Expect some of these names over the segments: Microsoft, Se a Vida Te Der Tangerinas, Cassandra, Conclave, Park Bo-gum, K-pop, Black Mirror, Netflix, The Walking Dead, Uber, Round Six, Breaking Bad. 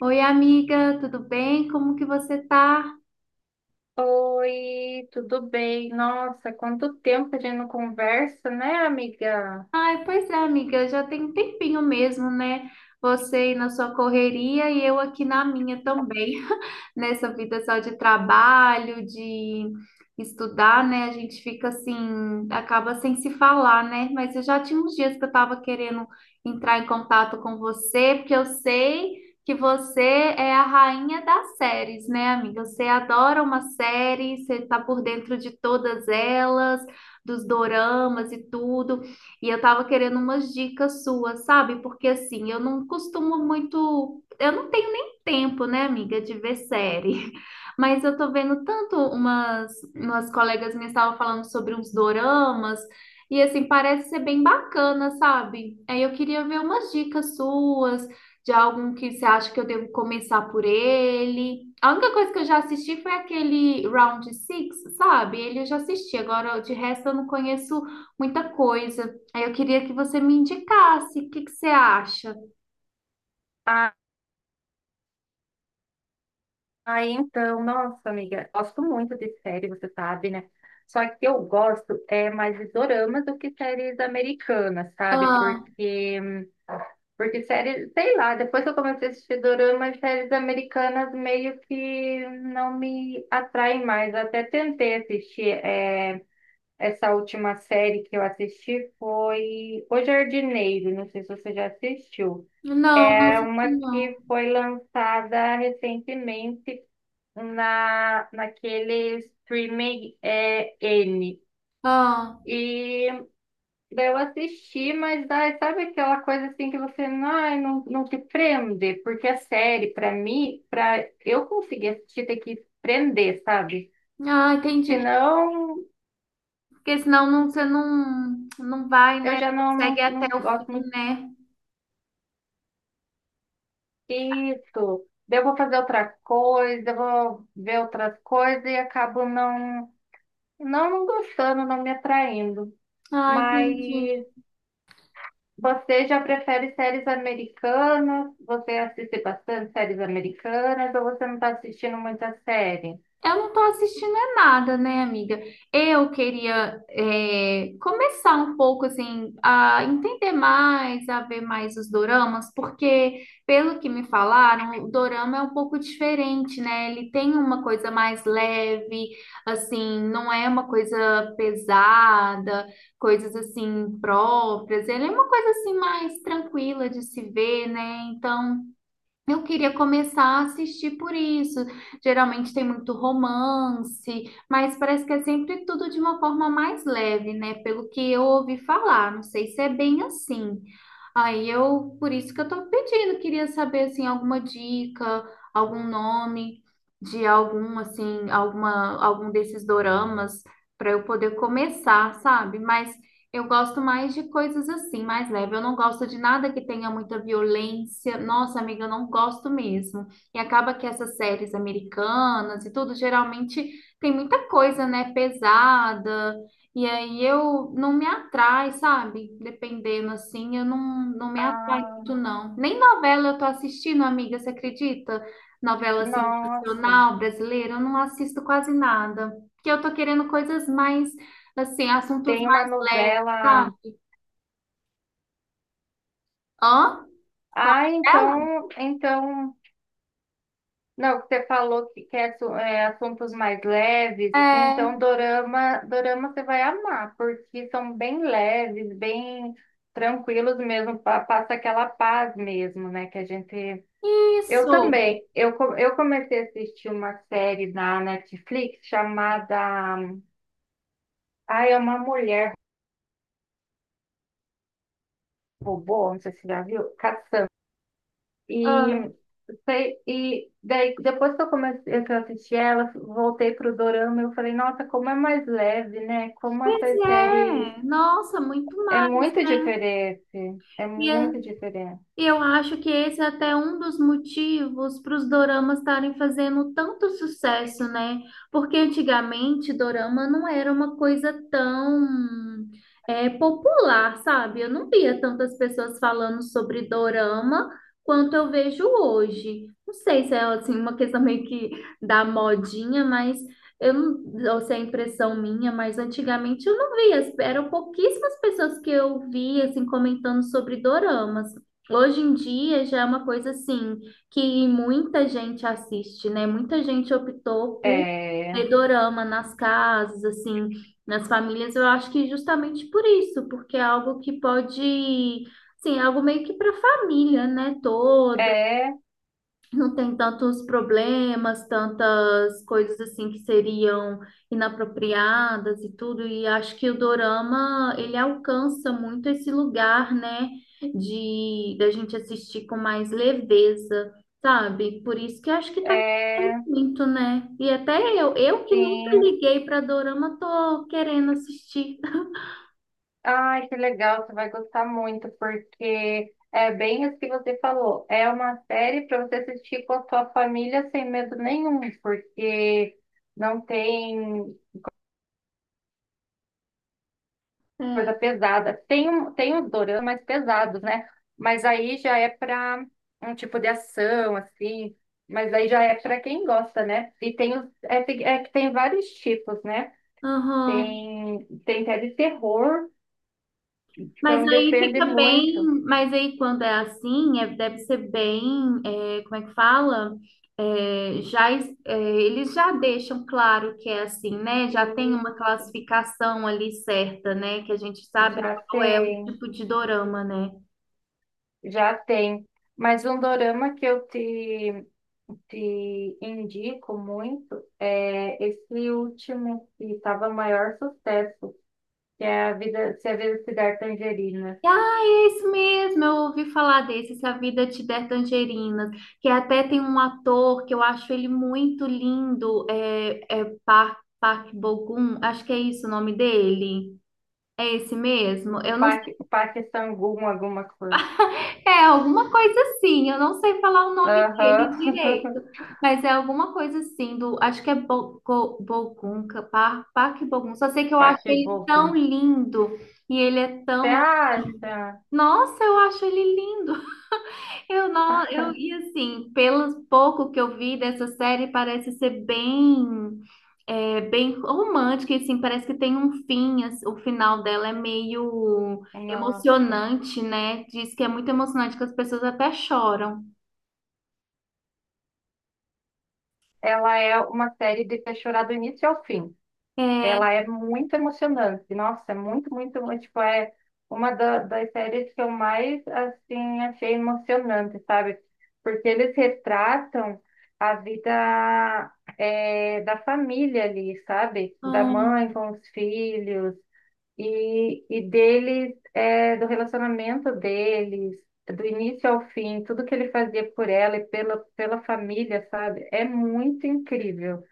Oi, amiga, tudo bem? Como que você tá? Oi, tudo bem? Nossa, quanto tempo que a gente não conversa, né, amiga? Ai, pois é, amiga, já tem um tempinho mesmo, né? Você aí na sua correria e eu aqui na minha também, nessa vida só de trabalho, de estudar, né? A gente fica assim, acaba sem se falar, né? Mas eu já tinha uns dias que eu tava querendo entrar em contato com você, porque eu sei que você é a rainha das séries, né, amiga? Você adora uma série, você tá por dentro de todas elas, dos doramas e tudo. E eu tava querendo umas dicas suas, sabe? Porque assim, eu não costumo muito. Eu não tenho nem tempo, né, amiga, de ver série. Mas eu tô vendo tanto umas colegas minhas estavam falando sobre uns doramas. E assim, parece ser bem bacana, sabe? Aí eu queria ver umas dicas suas, de algum que você acha que eu devo começar por ele. A única coisa que eu já assisti foi aquele Round Six, sabe? Ele eu já assisti, agora de resto eu não conheço muita coisa. Aí eu queria que você me indicasse. O que que você acha? Ah, então, nossa, amiga, gosto muito de série, você sabe, né? Só que eu gosto é mais de doramas do que séries americanas, sabe? Ah, Porque séries, sei lá, depois que eu comecei a assistir doramas, séries americanas meio que não me atraem mais. Eu até tentei assistir. Essa última série que eu assisti foi O Jardineiro, não sei se você já assistiu. não É assisti uma não. que foi lançada recentemente naquele streaming N. Ah, E daí eu assisti, mas daí, sabe aquela coisa assim que você ai, não te prende? Porque a série, para mim, para eu conseguir assistir, tem que prender, sabe? Entendi. Senão, Porque senão não, você não vai, eu né? já Consegue não até o gosto fim, muito. né? Isso. Daí eu vou fazer outra coisa, eu vou ver outras coisas e acabo não gostando, não me atraindo. Ah, Mas entendi. você já prefere séries americanas? Você assiste bastante séries americanas ou você não está assistindo muita série? Eu não tô assistindo a nada, né, amiga? Eu queria começar um pouco, assim, a entender mais, a ver mais os doramas, porque, pelo que me falaram, o dorama é um pouco diferente, né? Ele tem uma coisa mais leve, assim, não é uma coisa pesada, coisas, assim, próprias. Ele é uma coisa, assim, mais tranquila de se ver, né? Então... eu queria começar a assistir por isso. Geralmente tem muito romance, mas parece que é sempre tudo de uma forma mais leve, né? Pelo que eu ouvi falar, não sei se é bem assim. Aí eu, por isso que eu tô pedindo, queria saber assim alguma dica, algum nome de algum assim, alguma algum desses doramas para eu poder começar, sabe? Mas eu gosto mais de coisas assim, mais leve. Eu não gosto de nada que tenha muita violência. Nossa, amiga, eu não gosto mesmo. E acaba que essas séries americanas e tudo, geralmente tem muita coisa, né, pesada. E aí eu não me atrai, sabe? Dependendo assim, eu não, não me atrai Ah, muito, não. Nem novela eu tô assistindo, amiga, você acredita? Novela assim, nossa. nacional, brasileira, eu não assisto quase nada. Porque eu tô querendo coisas mais, assim, assuntos Tem uma mais leves. novela. Tá. Hã? Com Ah, ela? então, então Não, você falou que quer assuntos mais leves, É. então dorama você vai amar, porque são bem leves, bem tranquilos mesmo, passa aquela paz mesmo, né, que a gente... Eu Isso. também, eu comecei a assistir uma série na Netflix chamada... Ah, é uma mulher robô, não sei se você já viu, Cassandra. E Ah, sei, e daí, depois que eu comecei, que eu assisti ela, voltei pro Dorama, eu falei, nossa, como é mais leve, né? Como pois essas séries é. Nossa, muito é mais, muito né? diferente, é E muito diferente. E eu acho que esse é até um dos motivos para os doramas estarem fazendo tanto sucesso, né? Porque antigamente dorama não era uma coisa tão popular, sabe? Eu não via tantas pessoas falando sobre dorama quanto eu vejo hoje. Não sei se é assim uma questão meio que da modinha, mas eu não, ou se é impressão minha, mas antigamente eu não via, eram pouquíssimas pessoas que eu via assim comentando sobre doramas. Hoje em dia já é uma coisa assim que muita gente assiste, né? Muita gente optou por É, ver dorama nas casas, assim, nas famílias. Eu acho que justamente por isso, porque é algo que pode, assim, é algo meio que para a família, né, é, não tem tantos problemas, tantas coisas assim que seriam inapropriadas e tudo, e acho que o dorama, ele alcança muito esse lugar, né, de da gente assistir com mais leveza, sabe? Por isso que acho que tá é, crescendo muito, né? E até eu que nunca sim. liguei para dorama, tô querendo assistir. Ai, que legal, você vai gostar muito, porque é bem isso que você falou. É uma série para você assistir com a sua família sem medo nenhum, porque não tem É. coisa pesada. Tem, tem uns doramas mais pesados, né? Mas aí já é para um tipo de ação, assim. Mas aí já é para quem gosta, né? E tem os é que tem vários tipos, né? Aham. Tem até de terror, Mas então aí depende fica bem, muito. mas aí quando é assim, é- deve ser bem, é, como é que fala? É, já, es- é, eles já deixam claro que é assim, né? Já tem uma E classificação ali certa, né? Que a gente sabe já qual é o tem, tipo de dorama, né? já tem. Mas um dorama que eu te indico muito é esse último, que estava maior sucesso, que é a vida se der tangerina. Ah, é isso mesmo, eu ouvi falar desse, Se a Vida Te Der Tangerinas, que até tem um ator que eu acho ele muito lindo, é Park, Park Bo-gum, acho que é isso o nome dele. É esse mesmo? Eu não sei. Paque sangum, alguma coisa. É alguma coisa assim. Eu não sei falar o nome dele Aham. direito, mas é alguma coisa assim do. Acho que é Bo- Go- Bogunca, Par- Parque Bogun. Só sei que eu acho Paque ele tão bogum. lindo e ele é Você tão. acha? Nossa, eu acho ele lindo. Eu não, eu e assim, pelo pouco que eu vi dessa série, parece ser bem, bem romântica, e assim, parece que tem um fim, assim, o final dela é meio Nossa. emocionante, né? Diz que é muito emocionante, que as pessoas até choram. Ela é uma série de fechura do início ao fim. É, Ela é muito emocionante. Nossa, é muito, muito, muito, tipo, é uma das séries que eu mais, assim, achei emocionante, sabe? Porque eles retratam a vida da família ali, sabe? Da ah, mãe com os filhos e deles, do relacionamento deles, do início ao fim, tudo que ele fazia por ela e pela família, sabe? É muito incrível.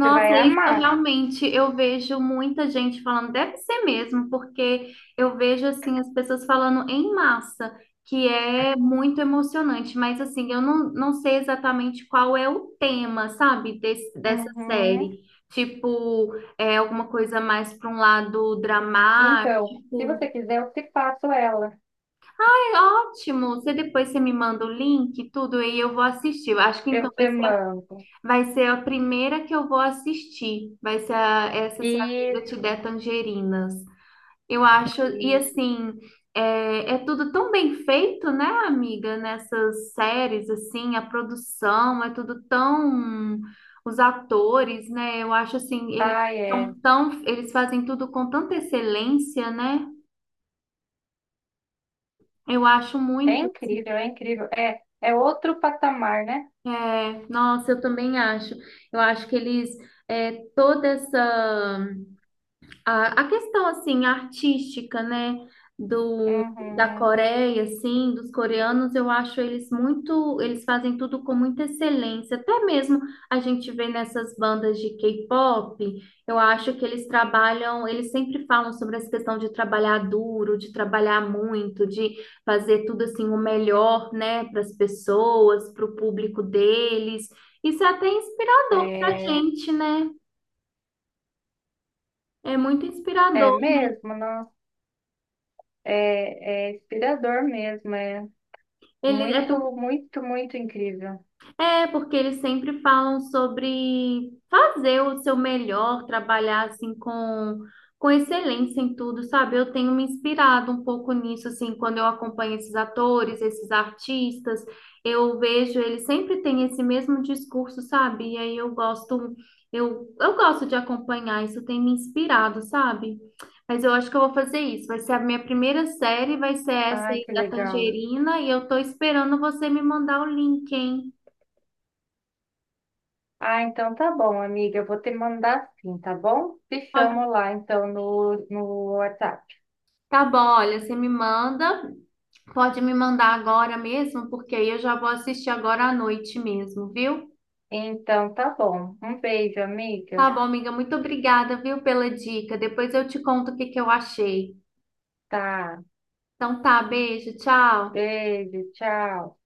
Você vai é isso amar. realmente eu vejo muita gente falando, deve ser mesmo, porque eu vejo assim as pessoas falando em massa, que é muito emocionante, mas assim, eu não, não sei exatamente qual é o tema, sabe, desse, dessa Uhum. série. Tipo, é alguma coisa mais para um lado Então, se você dramático. quiser, eu te faço ela. É ótimo. Você depois você me manda o link, e tudo, e eu vou assistir. Eu acho que Eu então te mando. vai ser a primeira que eu vou assistir. Vai ser a- essa Se a Vida Te Isso, Der Tangerinas. Eu acho, e isso. assim, é tudo tão bem feito, né, amiga? Nessas séries, assim, a produção é tudo tão. Os atores, né? Eu acho assim, eles Ai, é. são tão. Eles fazem tudo com tanta excelência, né? Eu acho É muito. incrível, é incrível. É, é outro patamar, né? É, nossa, eu também acho. Eu acho que eles. Toda essa a questão assim artística, né, do da Uhum. Coreia, assim, dos coreanos, eu acho eles muito, eles fazem tudo com muita excelência. Até mesmo a gente vê nessas bandas de K-pop, eu acho que eles trabalham, eles sempre falam sobre essa questão de trabalhar duro, de trabalhar muito, de fazer tudo assim o melhor, né, para as pessoas, para o público deles. Isso é até inspirador para a É, gente, né? É muito é inspirador. mesmo, nossa. É, é inspirador mesmo. É Ele é por muito, muito, muito incrível. é, porque eles sempre falam sobre fazer o seu melhor, trabalhar assim com excelência em tudo, sabe? Eu tenho me inspirado um pouco nisso, assim, quando eu acompanho esses atores, esses artistas, eu vejo eles sempre têm esse mesmo discurso, sabe? E aí eu gosto, eu gosto de acompanhar, isso tem me inspirado, sabe? Mas eu acho que eu vou fazer isso. Vai ser a minha primeira série, vai ser essa Ai, aí que da legal. Tangerina, e eu tô esperando você me mandar o link, hein? Ah, então tá bom, amiga. Eu vou te mandar sim, tá bom? Te chamo Tá lá, então, no WhatsApp. bom, olha, você me manda, pode me mandar agora mesmo, porque aí eu já vou assistir agora à noite mesmo, viu? Então tá bom. Um beijo, Tá amiga. bom, amiga, muito obrigada, viu, pela dica. Depois eu te conto o que que eu achei. Tá. Então tá, beijo, tchau. Beijo, tchau.